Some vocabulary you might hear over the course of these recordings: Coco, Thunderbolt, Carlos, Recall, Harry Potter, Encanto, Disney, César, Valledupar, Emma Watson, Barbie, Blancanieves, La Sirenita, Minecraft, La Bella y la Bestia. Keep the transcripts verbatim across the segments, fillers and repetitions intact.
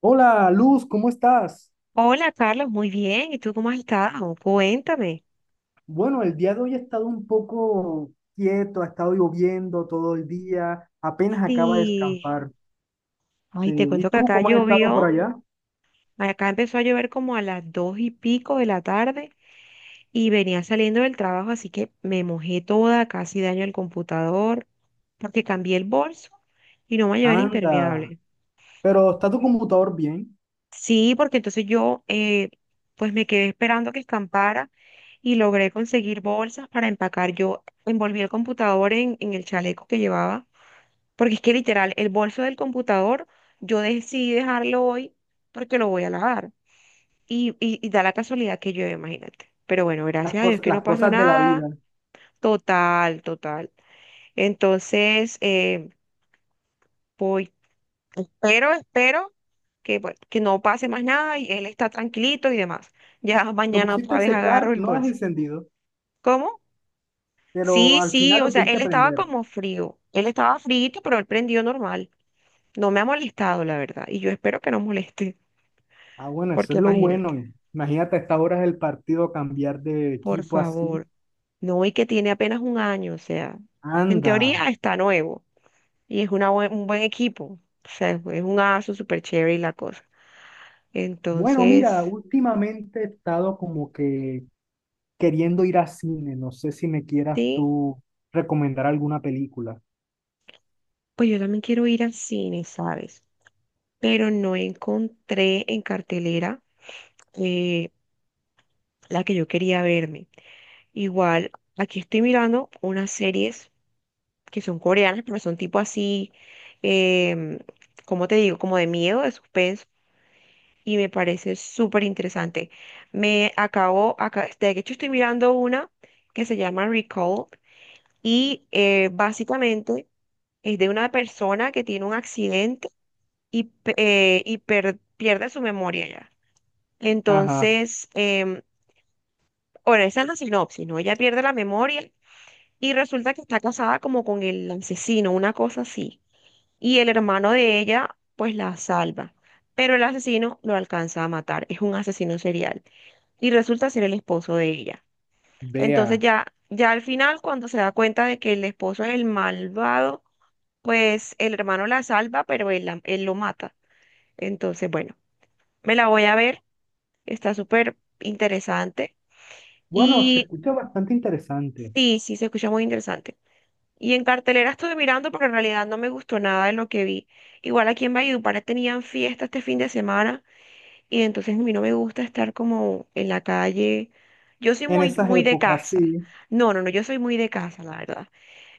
Hola, Luz, ¿cómo estás? Hola Carlos, muy bien. ¿Y tú cómo has estado? Cuéntame. Bueno, el día de hoy ha estado un poco quieto, ha estado lloviendo todo el día, apenas acaba de Sí, escampar. Sí. ay, te ¿Y cuento que tú acá cómo has estado por llovió, allá? acá empezó a llover como a las dos y pico de la tarde y venía saliendo del trabajo, así que me mojé toda, casi daño el computador, porque cambié el bolso y no me llevé el Anda, impermeable. pero ¿está tu computador bien? Sí, porque entonces yo eh, pues me quedé esperando que escampara y logré conseguir bolsas para empacar. Yo envolví el computador en, en el chaleco que llevaba. Porque es que literal, el bolso del computador, yo decidí dejarlo hoy porque lo voy a lavar. Y, y, y da la casualidad que llueve, imagínate. Pero bueno, Las gracias a Dios cosas, que las no pasó cosas de la nada. vida. Total, total. Entonces, eh, voy. Pero espero que, bueno, que no pase más nada y él está tranquilito y demás. Ya Lo mañana pusiste otra a vez agarro secar, el no las has bolso. encendido, ¿Cómo? pero Sí, al sí, final o lo sea, él pudiste estaba prender. como frío. Él estaba frío, pero él prendió normal. No me ha molestado, la verdad. Y yo espero que no moleste. Ah, bueno, eso Porque es lo imagínate, bueno. Imagínate a estas horas del partido cambiar de por equipo así. favor, no, y que tiene apenas un año, o sea, en Anda. teoría está nuevo y es una buen- un buen equipo, o sea, es un aso súper chévere y la cosa. Bueno, mira, Entonces, últimamente he estado como que queriendo ir a cine, no sé si me quieras sí, tú recomendar alguna película. pues yo también quiero ir al cine, ¿sabes? Pero no encontré en cartelera eh, la que yo quería verme. Igual, aquí estoy mirando unas series que son coreanas, pero son tipo así, em, ¿cómo te digo? Como de miedo, de suspenso y me parece súper interesante. Me acabo, acá, de hecho estoy mirando una que se llama Recall y eh, básicamente es de una persona que tiene un accidente y, pe- eh, y per- pierde su memoria ya. Ajá, Entonces, em, bueno, esa es la sinopsis, ¿no? Ella pierde la memoria y resulta que está casada como con el asesino, una cosa así. Y el hermano de ella pues la salva, pero el asesino lo alcanza a matar, es un asesino serial y resulta ser el esposo de ella. Entonces vea. ya, ya al final cuando se da cuenta de que el esposo es el malvado, pues el hermano la salva, pero él, la- él lo mata. Entonces, bueno, me la voy a ver, está súper interesante Bueno, se y escucha bastante interesante. sí, sí, se escucha muy interesante. Y en cartelera estuve mirando, pero en realidad no me gustó nada de lo que vi. Igual aquí en Valledupar tenían fiesta este fin de semana. Y entonces a mí no me gusta estar como en la calle. Yo soy En muy, esas muy de épocas, casa. sí. No, no, no, yo soy muy de casa, la verdad.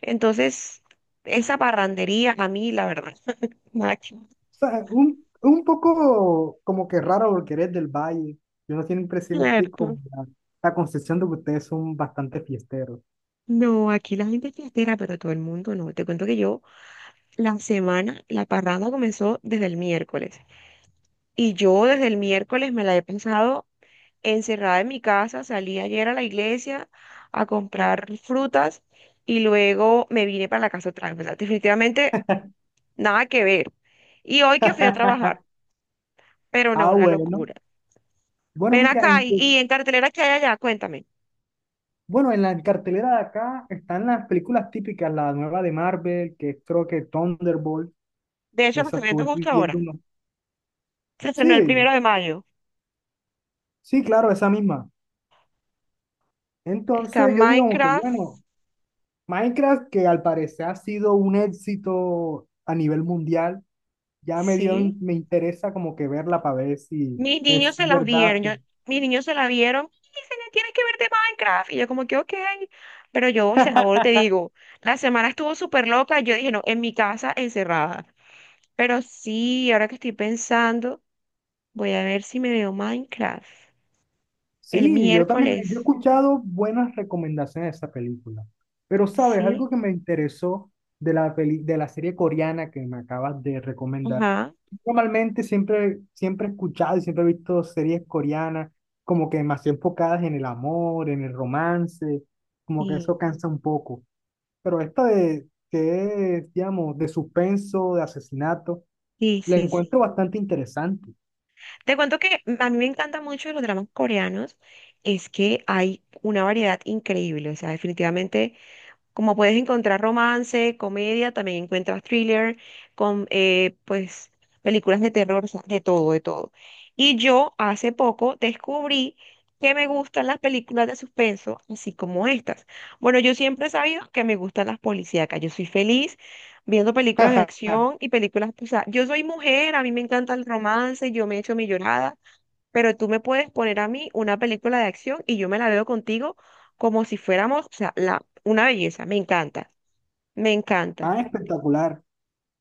Entonces, esa parrandería a mí, la verdad, nada que ver, O sea, un, un poco como que raro porque eres del valle. Yo no tienen presente como ¿cierto? la, la concepción de que ustedes son bastante fiesteros. No, aquí la gente es fiestera, pero todo el mundo no. Te cuento que yo, la semana, la parranda comenzó desde el miércoles. Y yo desde el miércoles me la he pensado encerrada en mi casa, salí ayer a la iglesia a comprar frutas y luego me vine para la casa otra vez. O sea, definitivamente nada que ver. Y hoy que fui a trabajar, pero no, Ah, una bueno. locura. Bueno, Ven mira, acá en, y, cu- y en cartelera que hay allá, cuéntame. bueno, en la cartelera de acá están las películas típicas, la nueva de Marvel, que es creo que Thunderbolt, De hecho, lo esas estoy viendo estuve justo ahora. viendo, no. Se estrenó el Sí, primero de mayo. sí, claro, esa misma. Está Entonces yo digo como que, Minecraft, bueno, Minecraft, que al parecer ha sido un éxito a nivel mundial, ya me dio, sí. me interesa como que verla para ver si Mis es niños se las verdad. vieron, yo- mis niños se la vieron y se le tiene que ver de Minecraft. Y yo como que, ok, pero yo, o sea, ahora te digo, la semana estuvo súper loca, yo dije, no, en mi casa encerrada. Pero sí, ahora que estoy pensando, voy a ver si me veo Minecraft el Sí, yo también, yo he miércoles, escuchado buenas recomendaciones de esa película. Pero, ¿sabes? ¿sí? Algo que me interesó de la peli, de la serie coreana que me acabas de recomendar. Ajá, Normalmente siempre, siempre he escuchado y siempre he visto series coreanas como que más enfocadas en el amor, en el romance, como que sí, eso cansa un poco. Pero esta de, que es, digamos, de suspenso, de asesinato, sí, la sí, sí. encuentro bastante interesante. Te cuento que a mí me encanta mucho de los dramas coreanos, es que hay una variedad increíble, o sea, definitivamente. Como puedes encontrar romance, comedia, también encuentras thriller, con eh, pues películas de terror, o sea, de todo, de todo. Y yo hace poco descubrí que me gustan las películas de suspenso, así como estas. Bueno, yo siempre he sabido que me gustan las policíacas. Yo soy feliz viendo películas de acción y películas, o sea, yo soy mujer, a mí me encanta el romance, yo me echo mi llorada, pero tú me puedes poner a mí una película de acción y yo me la veo contigo como si fuéramos, o sea, la, una belleza, me encanta, me encanta. Ah, espectacular.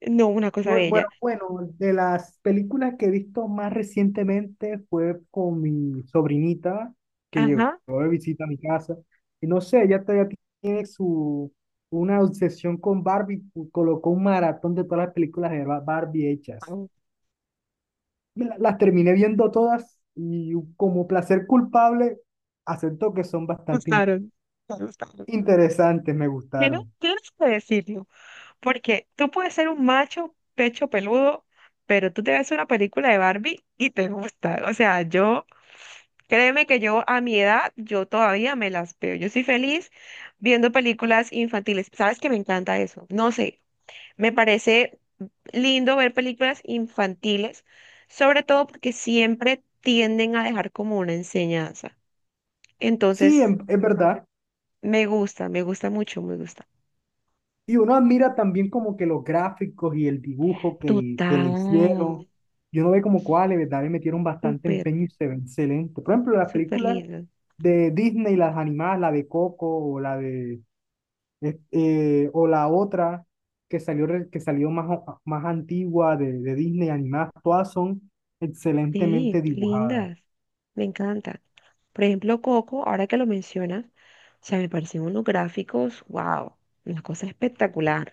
No, una cosa Bueno, bella. bueno, bueno, de las películas que he visto más recientemente fue con mi sobrinita que llegó Ajá, de visita a mi casa. Y no sé, ella todavía tiene su, una obsesión con Barbie, pu- colocó un maratón de todas las películas de Ba- Barbie ah, hechas. me Me la- las terminé viendo todas y como placer culpable, acepto que son bastante in- gustaron, me gustaron. interesantes, me Tienes, gustaron. tienes que decirlo, porque tú puedes ser un macho pecho peludo, pero tú te ves una película de Barbie y te gusta. O sea, yo... Créeme que yo a mi edad, yo todavía me las veo. Yo soy feliz viendo películas infantiles. ¿Sabes que me encanta eso? No sé, me parece lindo ver películas infantiles, sobre todo porque siempre tienden a dejar como una enseñanza. Sí, Entonces, en, es verdad. me gusta, me gusta mucho, me gusta. Y uno admira también como que los gráficos y el dibujo que le, que le Total, hicieron. Y uno ve como cuáles, ¿verdad? Le metieron bastante súper, empeño y se ve excelente. Por ejemplo, las súper películas lindas. de Disney, las animadas, la de Coco o la de eh, eh, o la otra que salió, re- que salió más, o- más antigua de, de Disney animadas, todas son excelentemente Sí, dibujadas. lindas, me encantan. Por ejemplo, Coco, ahora que lo mencionas, o sea, me parecen unos gráficos, wow, una cosa espectacular.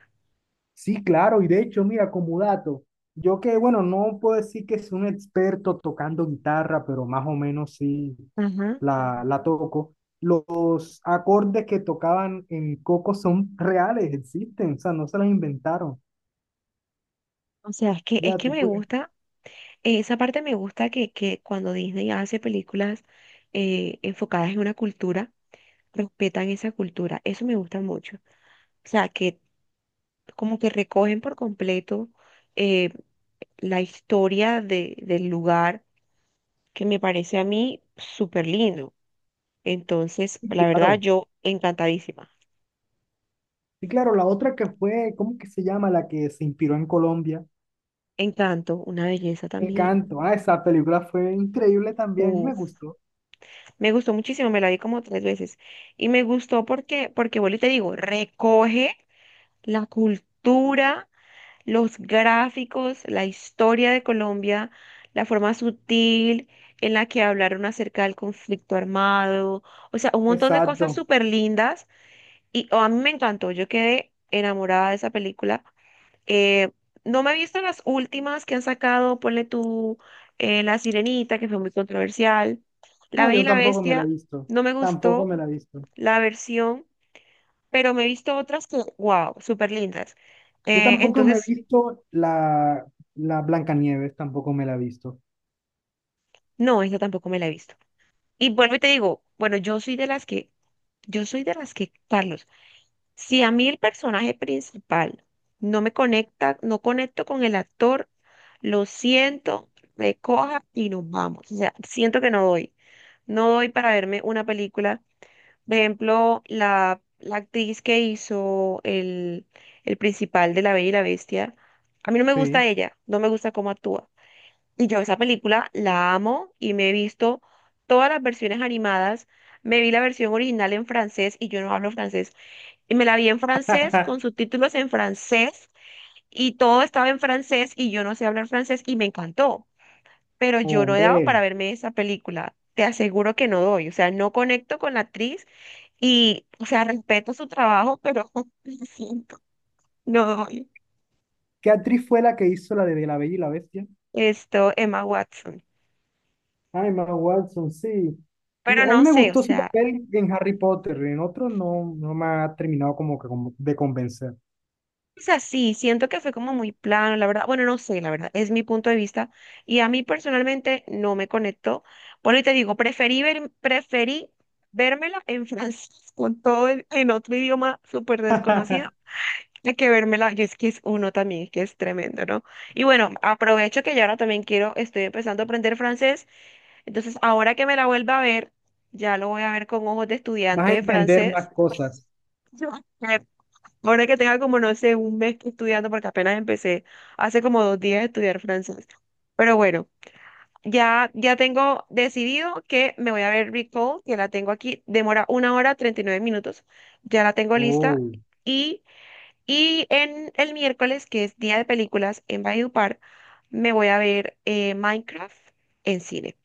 Sí, claro, y de hecho, mira, como dato, yo que, bueno, no puedo decir que soy un experto tocando guitarra, pero más o menos sí Ajá. la, la toco. Los acordes que tocaban en Coco son reales, existen, o sea, no se los inventaron. O sea, es que, es Ya, que tú me puedes, gusta. Esa parte me gusta que, que cuando Disney hace películas eh, enfocadas en una cultura, respetan esa cultura. Eso me gusta mucho. O sea, que como que recogen por completo eh, la historia de- del lugar, que me parece a mí súper lindo. Entonces, sí, la verdad, claro. yo encantadísima. Y claro, la otra que fue, ¿cómo que se llama? La que se inspiró en Colombia, Encanto, una belleza también. Encanto. Ah, esa película fue increíble también, me Uf, gustó. me gustó muchísimo, me la vi como tres veces. Y me gustó porque, porque vuelvo y te digo, recoge la cultura, los gráficos, la historia de Colombia, la forma sutil en la que hablaron acerca del conflicto armado, o sea, un montón de cosas Exacto. súper lindas y oh, a mí me encantó, yo quedé enamorada de esa película. Eh, no me he visto las últimas que han sacado, ponle tú eh, La Sirenita, que fue muy controversial, La No, Bella y yo la tampoco me la he Bestia, visto, no me tampoco gustó me la he visto. la versión, pero me he visto otras que, wow, súper lindas. Yo Eh, tampoco me he entonces... visto la, la Blancanieves, tampoco me la he visto. No, esa tampoco me la he visto. Y vuelvo y te digo, bueno, yo soy de las que, yo soy de las que, Carlos, si a mí el personaje principal no me conecta, no conecto con el actor, lo siento, me coja y nos vamos. O sea, siento que no doy, no doy para verme una película. Por ejemplo, la, la actriz que hizo el, el principal de La Bella y la Bestia, a mí no me gusta Sí. ella, no me gusta cómo actúa. Y yo esa película la amo y me he visto todas las versiones animadas. Me vi la versión original en francés y yo no hablo francés. Y me la vi en francés con subtítulos en francés y todo estaba en francés y yo no sé hablar francés y me encantó. Pero yo no he dado para Hombre, verme esa película. Te aseguro que no doy. O sea, no conecto con la actriz y, o sea, respeto su trabajo, pero lo siento, no doy. ¿qué actriz fue la que hizo la de La Bella y la Bestia? Esto, Emma Watson. Ay, Emma Watson, sí. Me- Pero A mí no me sé, o gustó su sea. papel en Harry Potter, en otro no, no me ha terminado como que como de convencer. Sea, sí, siento que fue como muy plano, la verdad. Bueno, no sé, la verdad, es mi punto de vista. Y a mí personalmente no me conectó. Por eso te digo, preferí ver, preferí vérmela en francés con todo el- en otro idioma súper desconocido. Hay que vérmela, y es que es uno también, que es tremendo, ¿no? Y bueno, aprovecho que ya ahora también quiero, estoy empezando a aprender francés, entonces ahora que me la vuelva a ver, ya lo voy a ver con ojos de Vas estudiante a de entender francés. más cosas. Ahora que tenga como, no sé, un mes estudiando, porque apenas empecé hace como dos días a estudiar francés. Pero bueno, ya, ya tengo decidido que me voy a ver Recall, que la tengo aquí, demora una hora treinta y nueve minutos, ya la tengo lista. Oh. Y, y en el miércoles, que es día de películas en Valledupar, me voy a ver eh, Minecraft en cine.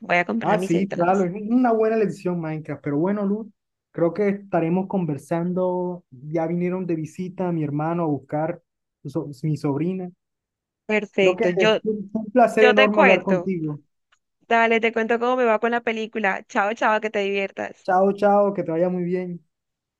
Voy a comprar Ah, mis sí, claro, entradas. es una buena elección Minecraft, pero bueno, Luz, creo que estaremos conversando, ya vinieron de visita mi hermano a buscar so- mi sobrina. Creo que Perfecto, fue yo, un fue un placer yo te enorme hablar cuento. contigo. Dale, te cuento cómo me va con la película. Chao, chao, que te diviertas. Chao, chao, que te vaya muy bien.